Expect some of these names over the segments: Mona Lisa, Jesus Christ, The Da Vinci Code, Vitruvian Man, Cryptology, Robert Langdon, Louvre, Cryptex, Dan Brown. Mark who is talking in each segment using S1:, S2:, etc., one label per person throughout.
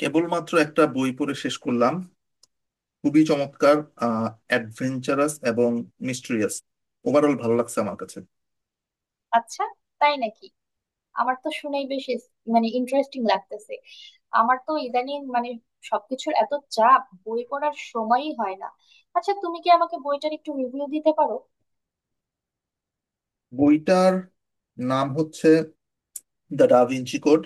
S1: কেবলমাত্র একটা বই পড়ে শেষ করলাম। খুবই চমৎকার। অ্যাডভেঞ্চারাস এবং মিস্ট্রিয়াস। ওভারঅল ভালো লাগছে আমার কাছে।
S2: আচ্ছা, তাই নাকি? আমার তো শুনেই বেশ ইস- মানে ইন্টারেস্টিং লাগতেছে। আমার তো ইদানিং সবকিছুর এত চাপ, বই পড়ার সময়ই হয় না। আচ্ছা, তুমি কি আমাকে বইটার একটু রিভিউ দিতে পারো?
S1: বইটার নাম হচ্ছে the Da Vinci code.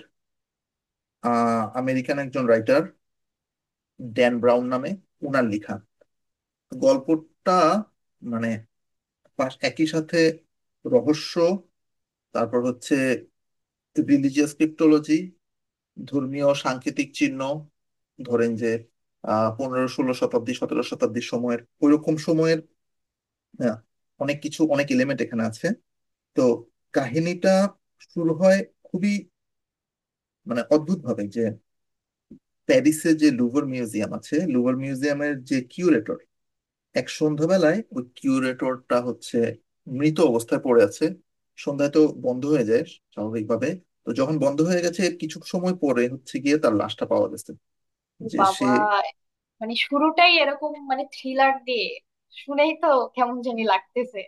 S1: American একজন রাইটার ড্যান ব্রাউন নামে ওনার লেখা। গল্পটা মানে একই সাথে রহস্য, তারপর হচ্ছে রিলিজিয়াস ক্রিপ্টোলজি, ধর্মীয় সাংকেতিক চিহ্ন, ধরেন যে 15 16 শতাব্দী, 17 শতাব্দীর সময়ের, ওইরকম সময়ের আহ, অনেক কিছু, অনেক এলিমেন্ট এখানে আছে। তো কাহিনীটা শুরু হয় খুবই মানে অদ্ভুত ভাবে, যে প্যারিসে যে লুভর মিউজিয়াম আছে, লুভর মিউজিয়ামের যে কিউরেটর, এক সন্ধ্যাবেলায় ওই কিউরেটরটা হচ্ছে মৃত অবস্থায় পড়ে আছে। সন্ধ্যায় তো বন্ধ হয়ে যায় স্বাভাবিকভাবে। তো যখন বন্ধ হয়ে গেছে, কিছু সময় পরে হচ্ছে গিয়ে তার লাশটা পাওয়া গেছে
S2: ও
S1: যে সে
S2: বাবা! মানে শুরুটাই এরকম, মানে থ্রিলার দিয়ে। শুনেই তো কেমন জানি লাগতেছে।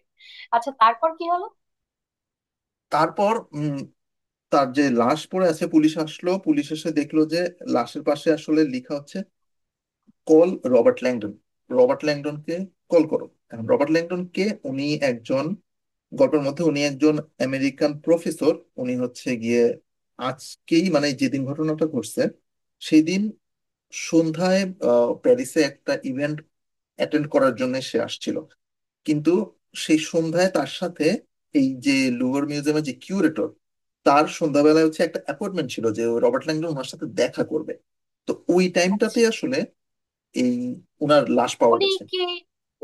S2: আচ্ছা, তারপর কি হলো?
S1: তারপর তার যে লাশ পড়ে আছে, পুলিশ আসলো, পুলিশ এসে দেখলো যে লাশের পাশে আসলে লেখা হচ্ছে কোল রবার্ট ল্যাংডন, রবার্ট ল্যাংডনকে কল করো। এখন রবার্ট ল্যাংডনকে, উনি একজন, গল্পের মধ্যে উনি একজন আমেরিকান প্রফেসর। উনি হচ্ছে গিয়ে আজকেই, মানে যেদিন ঘটনাটা ঘটছে সেই দিন সন্ধ্যায় প্যারিসে একটা ইভেন্ট অ্যাটেন্ড করার জন্য সে আসছিল। কিন্তু সেই সন্ধ্যায় তার সাথে, এই যে লুভর মিউজিয়ামের যে কিউরেটর, তার সন্ধ্যাবেলায় হচ্ছে একটা অ্যাপয়েন্টমেন্ট ছিল, যে রবার্ট ল্যাংডন ওনার সাথে দেখা করবে। তো ওই টাইমটাতে
S2: আচ্ছা,
S1: আসলে এই উনার লাশ পাওয়া
S2: উনি
S1: গেছে।
S2: কি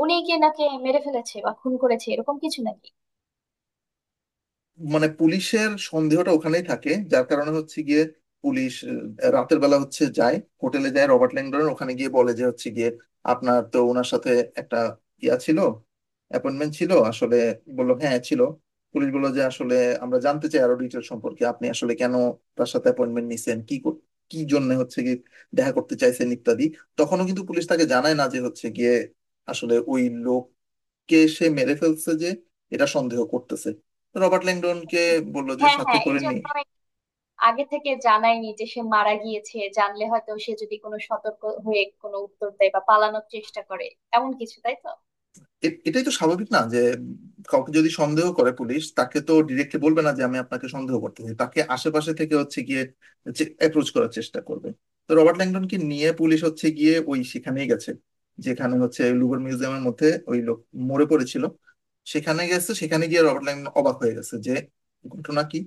S2: উনি কি নাকি মেরে ফেলেছে বা খুন করেছে এরকম কিছু নাকি?
S1: মানে পুলিশের সন্দেহটা ওখানেই থাকে, যার কারণে হচ্ছে গিয়ে পুলিশ রাতের বেলা হচ্ছে যায়, হোটেলে যায়। রবার্ট ল্যাংডন ওখানে গিয়ে বলে যে হচ্ছে গিয়ে আপনার তো ওনার সাথে একটা ইয়া ছিল, অ্যাপয়েন্টমেন্ট ছিল আসলে। বললো হ্যাঁ ছিল। পুলিশ বললো যে আসলে আমরা জানতে চাই আরো ডিটেল সম্পর্কে, আপনি আসলে কেন তার সাথে অ্যাপয়েন্টমেন্ট নিছেন, কি জন্য হচ্ছে গিয়ে দেখা করতে চাইছেন ইত্যাদি। তখনও কিন্তু পুলিশ তাকে জানায় না যে হচ্ছে গিয়ে আসলে ওই লোক কে সে মেরে ফেলছে, যে এটা সন্দেহ করতেছে। তো রবার্ট ল্যাংডনকে
S2: আচ্ছা।
S1: বললো যে
S2: হ্যাঁ,
S1: সাথে
S2: হ্যাঁ,
S1: করে নি।
S2: এজন্য আগে থেকে জানায়নি যে সে মারা গিয়েছে। জানলে হয়তো সে যদি কোনো সতর্ক হয়ে কোনো উত্তর দেয় বা পালানোর চেষ্টা করে, এমন কিছু, তাই তো?
S1: এটাই তো স্বাভাবিক না, যে কাউকে যদি সন্দেহ করে পুলিশ, তাকে তো ডিরেক্টলি বলবে না যে আমি আপনাকে সন্দেহ করতেছি, তাকে আশেপাশে থেকে হচ্ছে গিয়ে অ্যাপ্রোচ করার চেষ্টা করবে। তো রবার্ট ল্যাংডনকে নিয়ে পুলিশ হচ্ছে গিয়ে ওই সেখানেই গেছে, যেখানে হচ্ছে লুভর মিউজিয়ামের মধ্যে ওই লোক মরে পড়েছিল। সেখানে গেছে, সেখানে গিয়ে রবার্ট ল্যাংডন অবাক হয়ে গেছে যে ঘটনা কি,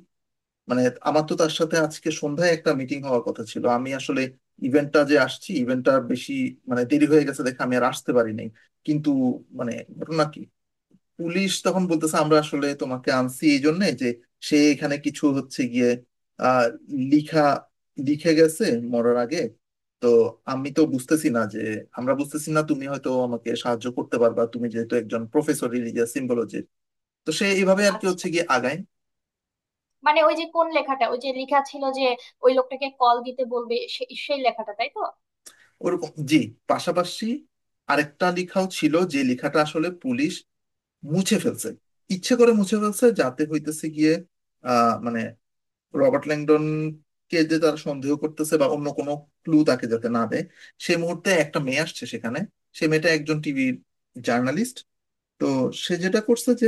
S1: মানে আমার তো তার সাথে আজকে সন্ধ্যায় একটা মিটিং হওয়ার কথা ছিল, আমি আসলে ইভেন্টটা যে আসছি, ইভেন্টটা বেশি মানে দেরি হয়ে গেছে দেখে আমি আর আসতে পারি নাই। কিন্তু মানে ঘটনা কি? পুলিশ তখন বলতেছে আমরা আসলে তোমাকে আনছি এই জন্য যে সে এখানে কিছু হচ্ছে গিয়ে আহ লিখা, লিখে গেছে মরার আগে। তো আমি তো বুঝতেছি না যে, আমরা বুঝতেছি না, তুমি হয়তো আমাকে সাহায্য করতে পারবা, তুমি যেহেতু একজন প্রফেসর রিলিজিয়াস সিম্বলজির। তো সে এইভাবে আর কি
S2: আচ্ছা,
S1: হচ্ছে গিয়ে আগায়।
S2: মানে ওই যে কোন লেখাটা, ওই যে লেখা ছিল যে ওই লোকটাকে কল দিতে বলবে, সেই লেখাটা, তাই তো?
S1: ওরকম, জি। পাশাপাশি আরেকটা লেখাও ছিল, যে লেখাটা আসলে পুলিশ মুছে ফেলছে, ইচ্ছে করে মুছে ফেলছে যাতে হইতেছে গিয়ে মানে রবার্ট ল্যাংডন কে যে তারা সন্দেহ করতেছে বা অন্য কোনো ক্লু তাকে যাতে না দেয়। সেই মুহূর্তে একটা মেয়ে আসছে সেখানে, সে মেয়েটা একজন টিভি জার্নালিস্ট। তো সে যেটা করছে যে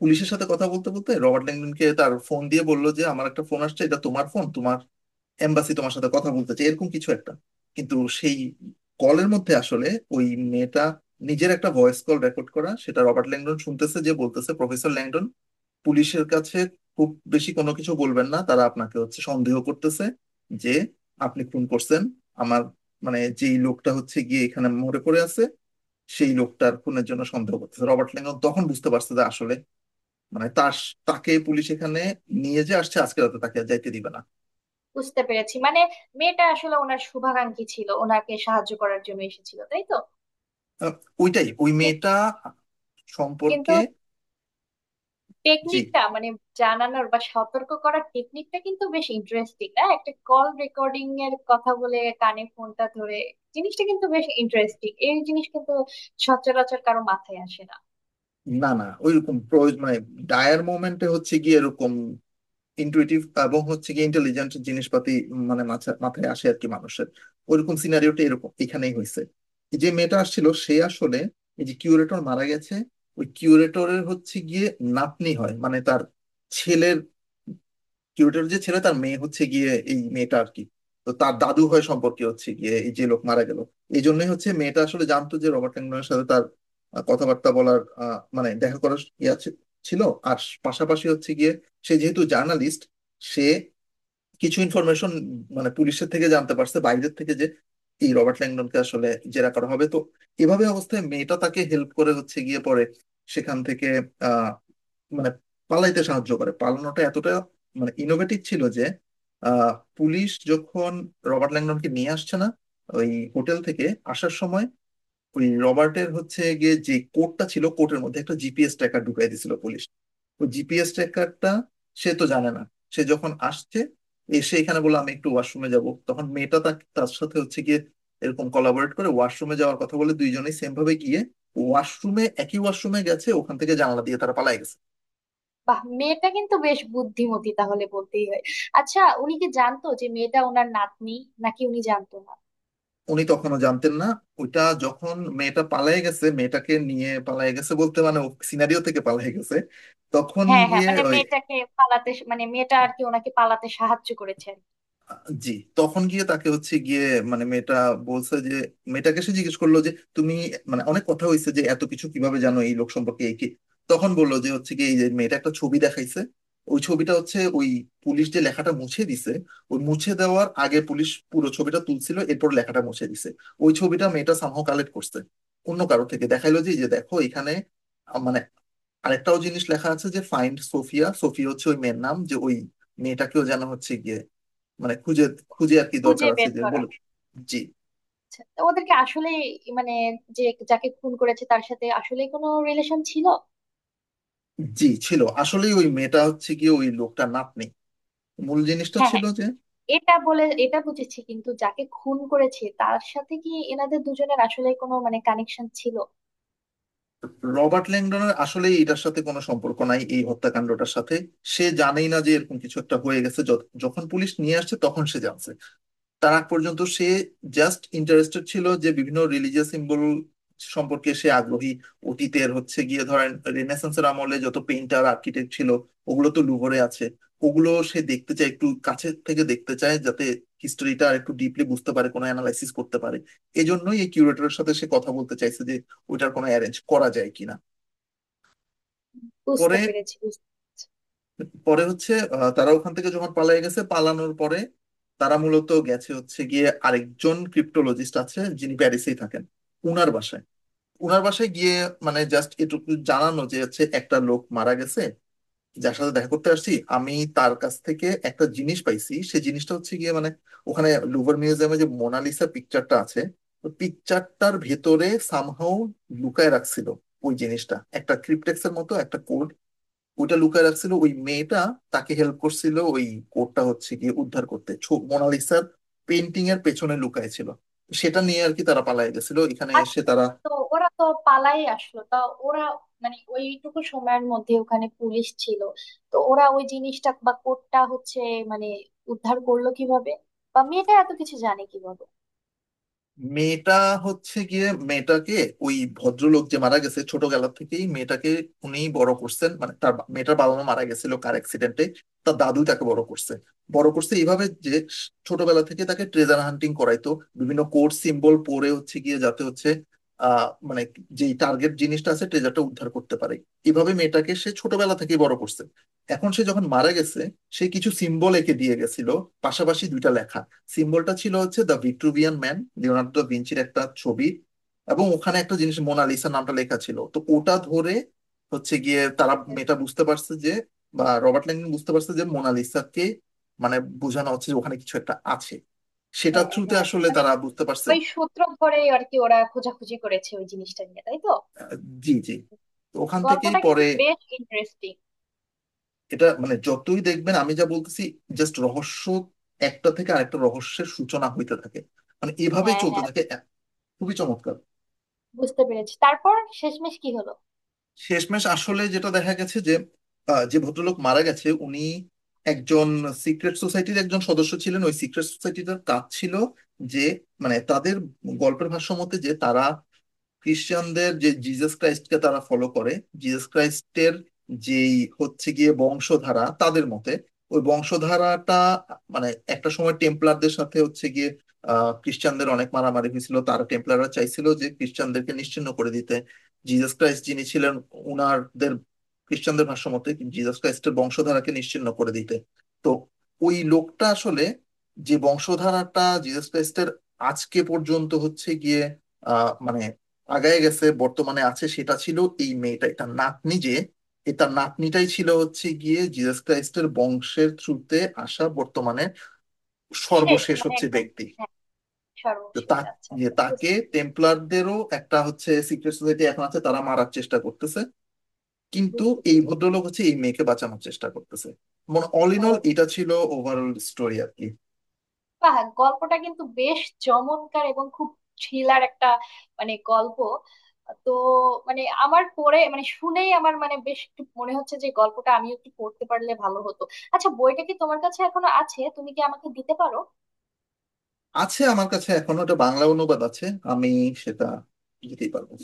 S1: পুলিশের সাথে কথা বলতে বলতে রবার্ট ল্যাংডনকে তার ফোন দিয়ে বললো যে আমার একটা ফোন আসছে, এটা তোমার ফোন, তোমার এম্বাসি তোমার সাথে কথা বলতে চাই, এরকম কিছু একটা। কিন্তু সেই কলের মধ্যে আসলে ওই মেয়েটা নিজের একটা ভয়েস কল রেকর্ড করা, সেটা রবার্ট ল্যাংডন শুনতেছে, যে বলতেছে প্রফেসর ল্যাংডন, পুলিশের কাছে খুব বেশি কোনো কিছু বলবেন না, তারা আপনাকে হচ্ছে সন্দেহ করতেছে যে আপনি খুন করছেন আমার, মানে যেই লোকটা হচ্ছে গিয়ে এখানে মরে পড়ে আছে সেই লোকটার খুনের জন্য সন্দেহ করতেছে। রবার্ট ল্যাংডন তখন বুঝতে পারছে যে আসলে মানে তার, তাকে পুলিশ এখানে নিয়ে যে আসছে, আজকে রাতে তাকে আর যাইতে দিবে না।
S2: বুঝতে পেরেছি। মানে মেয়েটা আসলে ওনার শুভাকাঙ্ক্ষী ছিল, ওনাকে সাহায্য করার জন্য এসেছিল, তাই তো?
S1: আহ, ওইটাই ওই
S2: কি-
S1: মেয়েটা
S2: কিন্তু
S1: সম্পর্কে। জি।
S2: টেকনিকটা, মানে জানানোর বা সতর্ক করার টেকনিকটা কিন্তু বেশ ইন্টারেস্টিং না? একটা কল রেকর্ডিং এর কথা বলে কানে ফোনটা ধরে, জিনিসটা কিন্তু বেশ ইন্টারেস্টিং। এই জিনিস কিন্তু সচরাচর কারো মাথায় আসে না।
S1: না, না, ওইরকম প্রয়োজন, মানে ডায়ার মোমেন্টে হচ্ছে গিয়ে এরকম ইন্টুইটিভ এবং হচ্ছে গিয়ে ইন্টেলিজেন্ট জিনিসপাতি মানে মাথায় আসে আর কি মানুষের, ওইরকম সিনারিওটা এরকম এখানেই হয়েছে। যে মেয়েটা আসছিল সে আসলে এই যে কিউরেটর মারা গেছে, ওই কিউরেটরের হচ্ছে গিয়ে নাতনি হয়, মানে তার ছেলের, কিউরেটর যে ছিল তার মেয়ে হচ্ছে গিয়ে এই মেয়েটা আর কি। তো তার দাদু হয় সম্পর্কে হচ্ছে গিয়ে এই যে লোক মারা গেল। এই জন্যই হচ্ছে মেয়েটা আসলে জানতো যে রবার্ট ল্যাংডনের সাথে তার কথাবার্তা বলার মানে দেখা করার ইয়ে ছিল। আর পাশাপাশি হচ্ছে গিয়ে সে যেহেতু জার্নালিস্ট, সে কিছু ইনফরমেশন মানে পুলিশের থেকে জানতে পারছে, বাইরের থেকে, যে এই রবার্ট ল্যাংডনকে আসলে জেরা করা হবে। তো এভাবে অবস্থায় মেয়েটা তাকে হেল্প করে হচ্ছে গিয়ে পরে সেখান থেকে আহ মানে পালাইতে সাহায্য করে। পালানোটা এতটা মানে ইনোভেটিভ ছিল যে আহ পুলিশ যখন রবার্ট ল্যাংডনকে নিয়ে আসছে না ওই হোটেল থেকে আসার সময়, ওই রবার্টের হচ্ছে গিয়ে যে কোডটা ছিল, কোডের মধ্যে একটা জিপিএস ট্র্যাকার ঢুকাই দিছিল পুলিশ। ওই জিপিএস ট্র্যাকারটা সে তো জানে না। সে যখন আসছে, এসে এখানে বলে আমি একটু ওয়াশরুমে যাব, তখন মেয়েটা তার সাথে হচ্ছে গিয়ে এরকম কোলাবরেট করে, ওয়াশরুমে যাওয়ার কথা বলে 2 জনেই সেম ভাবে গিয়ে ওয়াশরুমে, একই ওয়াশরুমে গেছে, ওখান থেকে জানালা দিয়ে তারা পালায় গেছে।
S2: বাহ, মেয়েটা কিন্তু বেশ বুদ্ধিমতী তাহলে, বলতেই হয়। আচ্ছা, উনি কি জানতো যে মেয়েটা ওনার নাতনি, নাকি উনি জানতো না?
S1: উনি তখনও জানতেন না। ওইটা যখন মেয়েটা পালায় গেছে, মেয়েটাকে নিয়ে পালায় গেছে বলতে মানে সিনারিও থেকে পালায় গেছে, তখন
S2: হ্যাঁ, হ্যাঁ,
S1: গিয়ে
S2: মানে
S1: ওই,
S2: মেয়েটাকে পালাতে, মানে মেয়েটা আর কি ওনাকে পালাতে সাহায্য করেছেন।
S1: জি, তখন গিয়ে তাকে হচ্ছে গিয়ে মানে মেয়েটা বলছে যে, মেয়েটাকে সে জিজ্ঞেস করলো যে তুমি মানে, অনেক কথা হয়েছে যে এত কিছু কিভাবে জানো এই লোক সম্পর্কে, এই কি। তখন বললো যে হচ্ছে কি এই যে মেয়েটা একটা ছবি দেখাইছে, ওই ছবিটা হচ্ছে ওই পুলিশ যে লেখাটা মুছে দিছে, ওই মুছে দেওয়ার আগে পুলিশ পুরো ছবিটা তুলছিল এরপর লেখাটা মুছে দিছে, ওই ছবিটা মেয়েটা সামহাও কালেক্ট করছে অন্য কারো থেকে, দেখাইলো যে এই যে দেখো এখানে মানে আরেকটাও জিনিস লেখা আছে যে ফাইন্ড সোফিয়া। সোফিয়া হচ্ছে ওই মেয়ের নাম, যে ওই মেয়েটাকেও জানা হচ্ছে গিয়ে, মানে খুঁজে, খুঁজে আর কি দরকার
S2: খুঁজে
S1: আছে
S2: বের
S1: যে
S2: করা।
S1: বলে। জি,
S2: তো ওদেরকে আসলে, মানে, যে, যাকে খুন করেছে তার সাথে আসলে কোনো রিলেশন ছিল?
S1: জি, ছিল আসলেই। ওই মেয়েটা হচ্ছে গিয়ে ওই লোকটা নাতনি। মূল জিনিসটা
S2: হ্যাঁ,
S1: ছিল
S2: হ্যাঁ,
S1: যে
S2: এটা বলে এটা বুঝেছি, কিন্তু যাকে খুন করেছে তার সাথে কি এনাদের দুজনের আসলে কোনো মানে কানেকশন ছিল?
S1: রবার্ট ল্যাংডনের আসলে এটার সাথে কোনো সম্পর্ক নাই, এই হত্যাকাণ্ডটার সাথে। সে জানেই না যে এরকম কিছু একটা হয়ে গেছে, যখন পুলিশ নিয়ে আসছে তখন সে জানছে। তার আগ পর্যন্ত সে জাস্ট ইন্টারেস্টেড ছিল যে বিভিন্ন রিলিজিয়াস সিম্বল সম্পর্কে সে আগ্রহী। অতীতের হচ্ছে গিয়ে ধরেন রেনেসান্সের আমলে যত পেইন্টার আর্কিটেক্ট ছিল, ওগুলো তো লুভরে আছে, ওগুলো সে দেখতে চায়, একটু কাছে থেকে দেখতে চায়, যাতে হিস্টোরিটা আর একটু ডিপলি বুঝতে পারে, কোনো অ্যানালাইসিস করতে পারে। এজন্যই এই কিউরেটরের সাথে সে কথা বলতে চাইছে, যে ওইটার কোনো অ্যারেঞ্জ করা যায় কিনা।
S2: বুঝতে
S1: পরে,
S2: পেরেছি বুঝতে পেরেছি
S1: পরে হচ্ছে তারা ওখান থেকে যখন পালিয়ে গেছে, পালানোর পরে তারা মূলত গেছে হচ্ছে গিয়ে আরেকজন ক্রিপ্টোলজিস্ট আছে যিনি প্যারিসেই থাকেন, উনার বাসায়, উনার বাসায় গিয়ে মানে জাস্ট এটুকু জানানো যে হচ্ছে একটা লোক মারা গেছে, যার সাথে দেখা করতে আসছি আমি, তার কাছ থেকে একটা জিনিস পাইছি। সেই জিনিসটা হচ্ছে গিয়ে মানে ওখানে লুভার মিউজিয়ামে যে মোনালিসা পিকচারটা আছে, পিকচারটার ভেতরে সামহাও লুকায় রাখছিল। ওই জিনিসটা একটা ক্রিপ্টেক্স এর মতো একটা কোড, ওইটা লুকায় রাখছিল। ওই মেয়েটা তাকে হেল্প করছিল ওই কোডটা হচ্ছে গিয়ে উদ্ধার করতে, মোনালিসার পেন্টিং এর পেছনে লুকায় ছিল, সেটা নিয়ে আর কি তারা পালায় গেছিল। এখানে এসে
S2: আচ্ছা,
S1: তারা
S2: তো ওরা তো পালাই আসলো, তা ওরা, মানে ওইটুকু সময়ের মধ্যে ওখানে পুলিশ ছিল, তো ওরা ওই জিনিসটা বা কোডটা হচ্ছে, মানে, উদ্ধার করলো কিভাবে? বা মেয়েটা এত কিছু জানে কিভাবে?
S1: মেয়েটা হচ্ছে গিয়ে মেয়েটাকে ওই ভদ্রলোক যে মারা গেছে, ছোটবেলা থেকেই মেয়েটাকে উনিই বড় করছেন, মানে তার মেয়েটার বাবা মা মারা গেছিল কার অ্যাক্সিডেন্টে, তার দাদু তাকে বড় করছে। বড় করছে এইভাবে যে ছোটবেলা থেকে তাকে ট্রেজার হান্টিং করাইতো বিভিন্ন কোড সিম্বল পড়ে, হচ্ছে গিয়ে যাতে হচ্ছে মানে যেই টার্গেট জিনিসটা আছে, ট্রেজারটা উদ্ধার করতে পারে। এইভাবে মেয়েটাকে সে ছোটবেলা থেকেই বড় করছে। এখন সে যখন মারা গেছে, সে কিছু সিম্বল এঁকে দিয়ে গেছিল, পাশাপাশি 2টা লেখা। সিম্বলটা ছিল হচ্ছে the Vitruvian Man, Leonardo da ভিঞ্চির একটা ছবি, এবং ওখানে একটা জিনিস মোনালিসা নামটা লেখা ছিল। তো ওটা ধরে হচ্ছে গিয়ে তারা, মেয়েটা বুঝতে পারছে যে, বা রবার্ট ল্যাংডন বুঝতে পারছে যে মোনালিসাকে মানে বোঝানো হচ্ছে, যে ওখানে কিছু একটা আছে। সেটা
S2: হ্যাঁ,
S1: থ্রুতে
S2: হ্যাঁ,
S1: আসলে
S2: মানে
S1: তারা বুঝতে পারছে।
S2: ওই সূত্র ধরেই আর কি ওরা খোঁজাখুঁজি করেছে ওই জিনিসটা নিয়ে, তাই তো?
S1: জি, জি। তো ওখান থেকেই
S2: গল্পটা কিন্তু
S1: পরে,
S2: বেশ ইন্টারেস্টিং।
S1: এটা মানে যতই দেখবেন আমি যা বলতেছি জাস্ট রহস্য, একটা থেকে আরেকটা রহস্যের সূচনা হইতে থাকে। মানে এভাবেই
S2: হ্যাঁ,
S1: চলতে
S2: হ্যাঁ,
S1: থাকে খুবই চমৎকার।
S2: বুঝতে পেরেছি। তারপর শেষমেশ কি হলো?
S1: শেষমেশ আসলে যেটা দেখা গেছে যে যে ভদ্রলোক মারা গেছে উনি একজন সিক্রেট সোসাইটির একজন সদস্য ছিলেন। ওই সিক্রেট সোসাইটিটার কাজ ছিল যে, মানে তাদের গল্পের ভাষ্য মতে, যে তারা খ্রিস্টানদের যে জিজাস ক্রাইস্টকে তারা ফলো করে, জিজাস ক্রাইস্টের যেই হচ্ছে গিয়ে বংশধারা তাদের মতে, ওই বংশধারাটা মানে একটা সময় টেম্পলারদের সাথে হচ্ছে গিয়ে খ্রিস্টানদের অনেক মারামারি হয়েছিল, তারা টেম্পলাররা চাইছিল যে খ্রিস্টানদেরকে নিশ্চিহ্ন করে দিতে, জিজাস ক্রাইস্ট যিনি ছিলেন উনারদের, খ্রিস্টানদের ভাষ্য মতে জিজাস ক্রাইস্টের বংশধারাকে নিশ্চিহ্ন করে দিতে। তো ওই লোকটা আসলে, যে বংশধারাটা জিজাস ক্রাইস্টের আজকে পর্যন্ত হচ্ছে গিয়ে মানে আগায় গেছে বর্তমানে আছে, সেটা ছিল এই মেয়েটাই, তার নাতনি। যে এ তার নাতনিটাই ছিল হচ্ছে গিয়ে জিসাস ক্রাইস্টের বংশের থ্রুতে আসা বর্তমানে
S2: শেষ
S1: সর্বশেষ
S2: মানে
S1: হচ্ছে
S2: একদম?
S1: ব্যক্তি।
S2: হ্যাঁ,
S1: তো তা,
S2: সর্বশেষ। আচ্ছা,
S1: যে
S2: আচ্ছা,
S1: তাকে
S2: বুঝতে বুঝতে পেরেছি
S1: টেম্পলারদেরও একটা হচ্ছে সিক্রেট সোসাইটি এখন আছে, তারা মারার চেষ্টা করতেছে। কিন্তু
S2: বুঝতে
S1: এই
S2: পেরেছি
S1: ভদ্রলোক হচ্ছে এই মেয়েকে বাঁচানোর চেষ্টা করতেছে। মানে অল ইন অল
S2: ও,
S1: এটা ছিল ওভারঅল স্টোরি আর কি।
S2: বাহ, গল্পটা কিন্তু বেশ চমৎকার এবং খুব থ্রিলার একটা, মানে গল্প। তো মানে আমার পড়ে, মানে শুনেই আমার, মানে বেশ একটু মনে হচ্ছে যে গল্পটা আমিও একটু পড়তে পারলে ভালো হতো। আচ্ছা, বইটা কি তোমার কাছে এখনো আছে? তুমি কি আমাকে দিতে পারো?
S1: আছে, আমার কাছে এখনো একটা বাংলা অনুবাদ আছে, আমি সেটা দিতেই পারবো।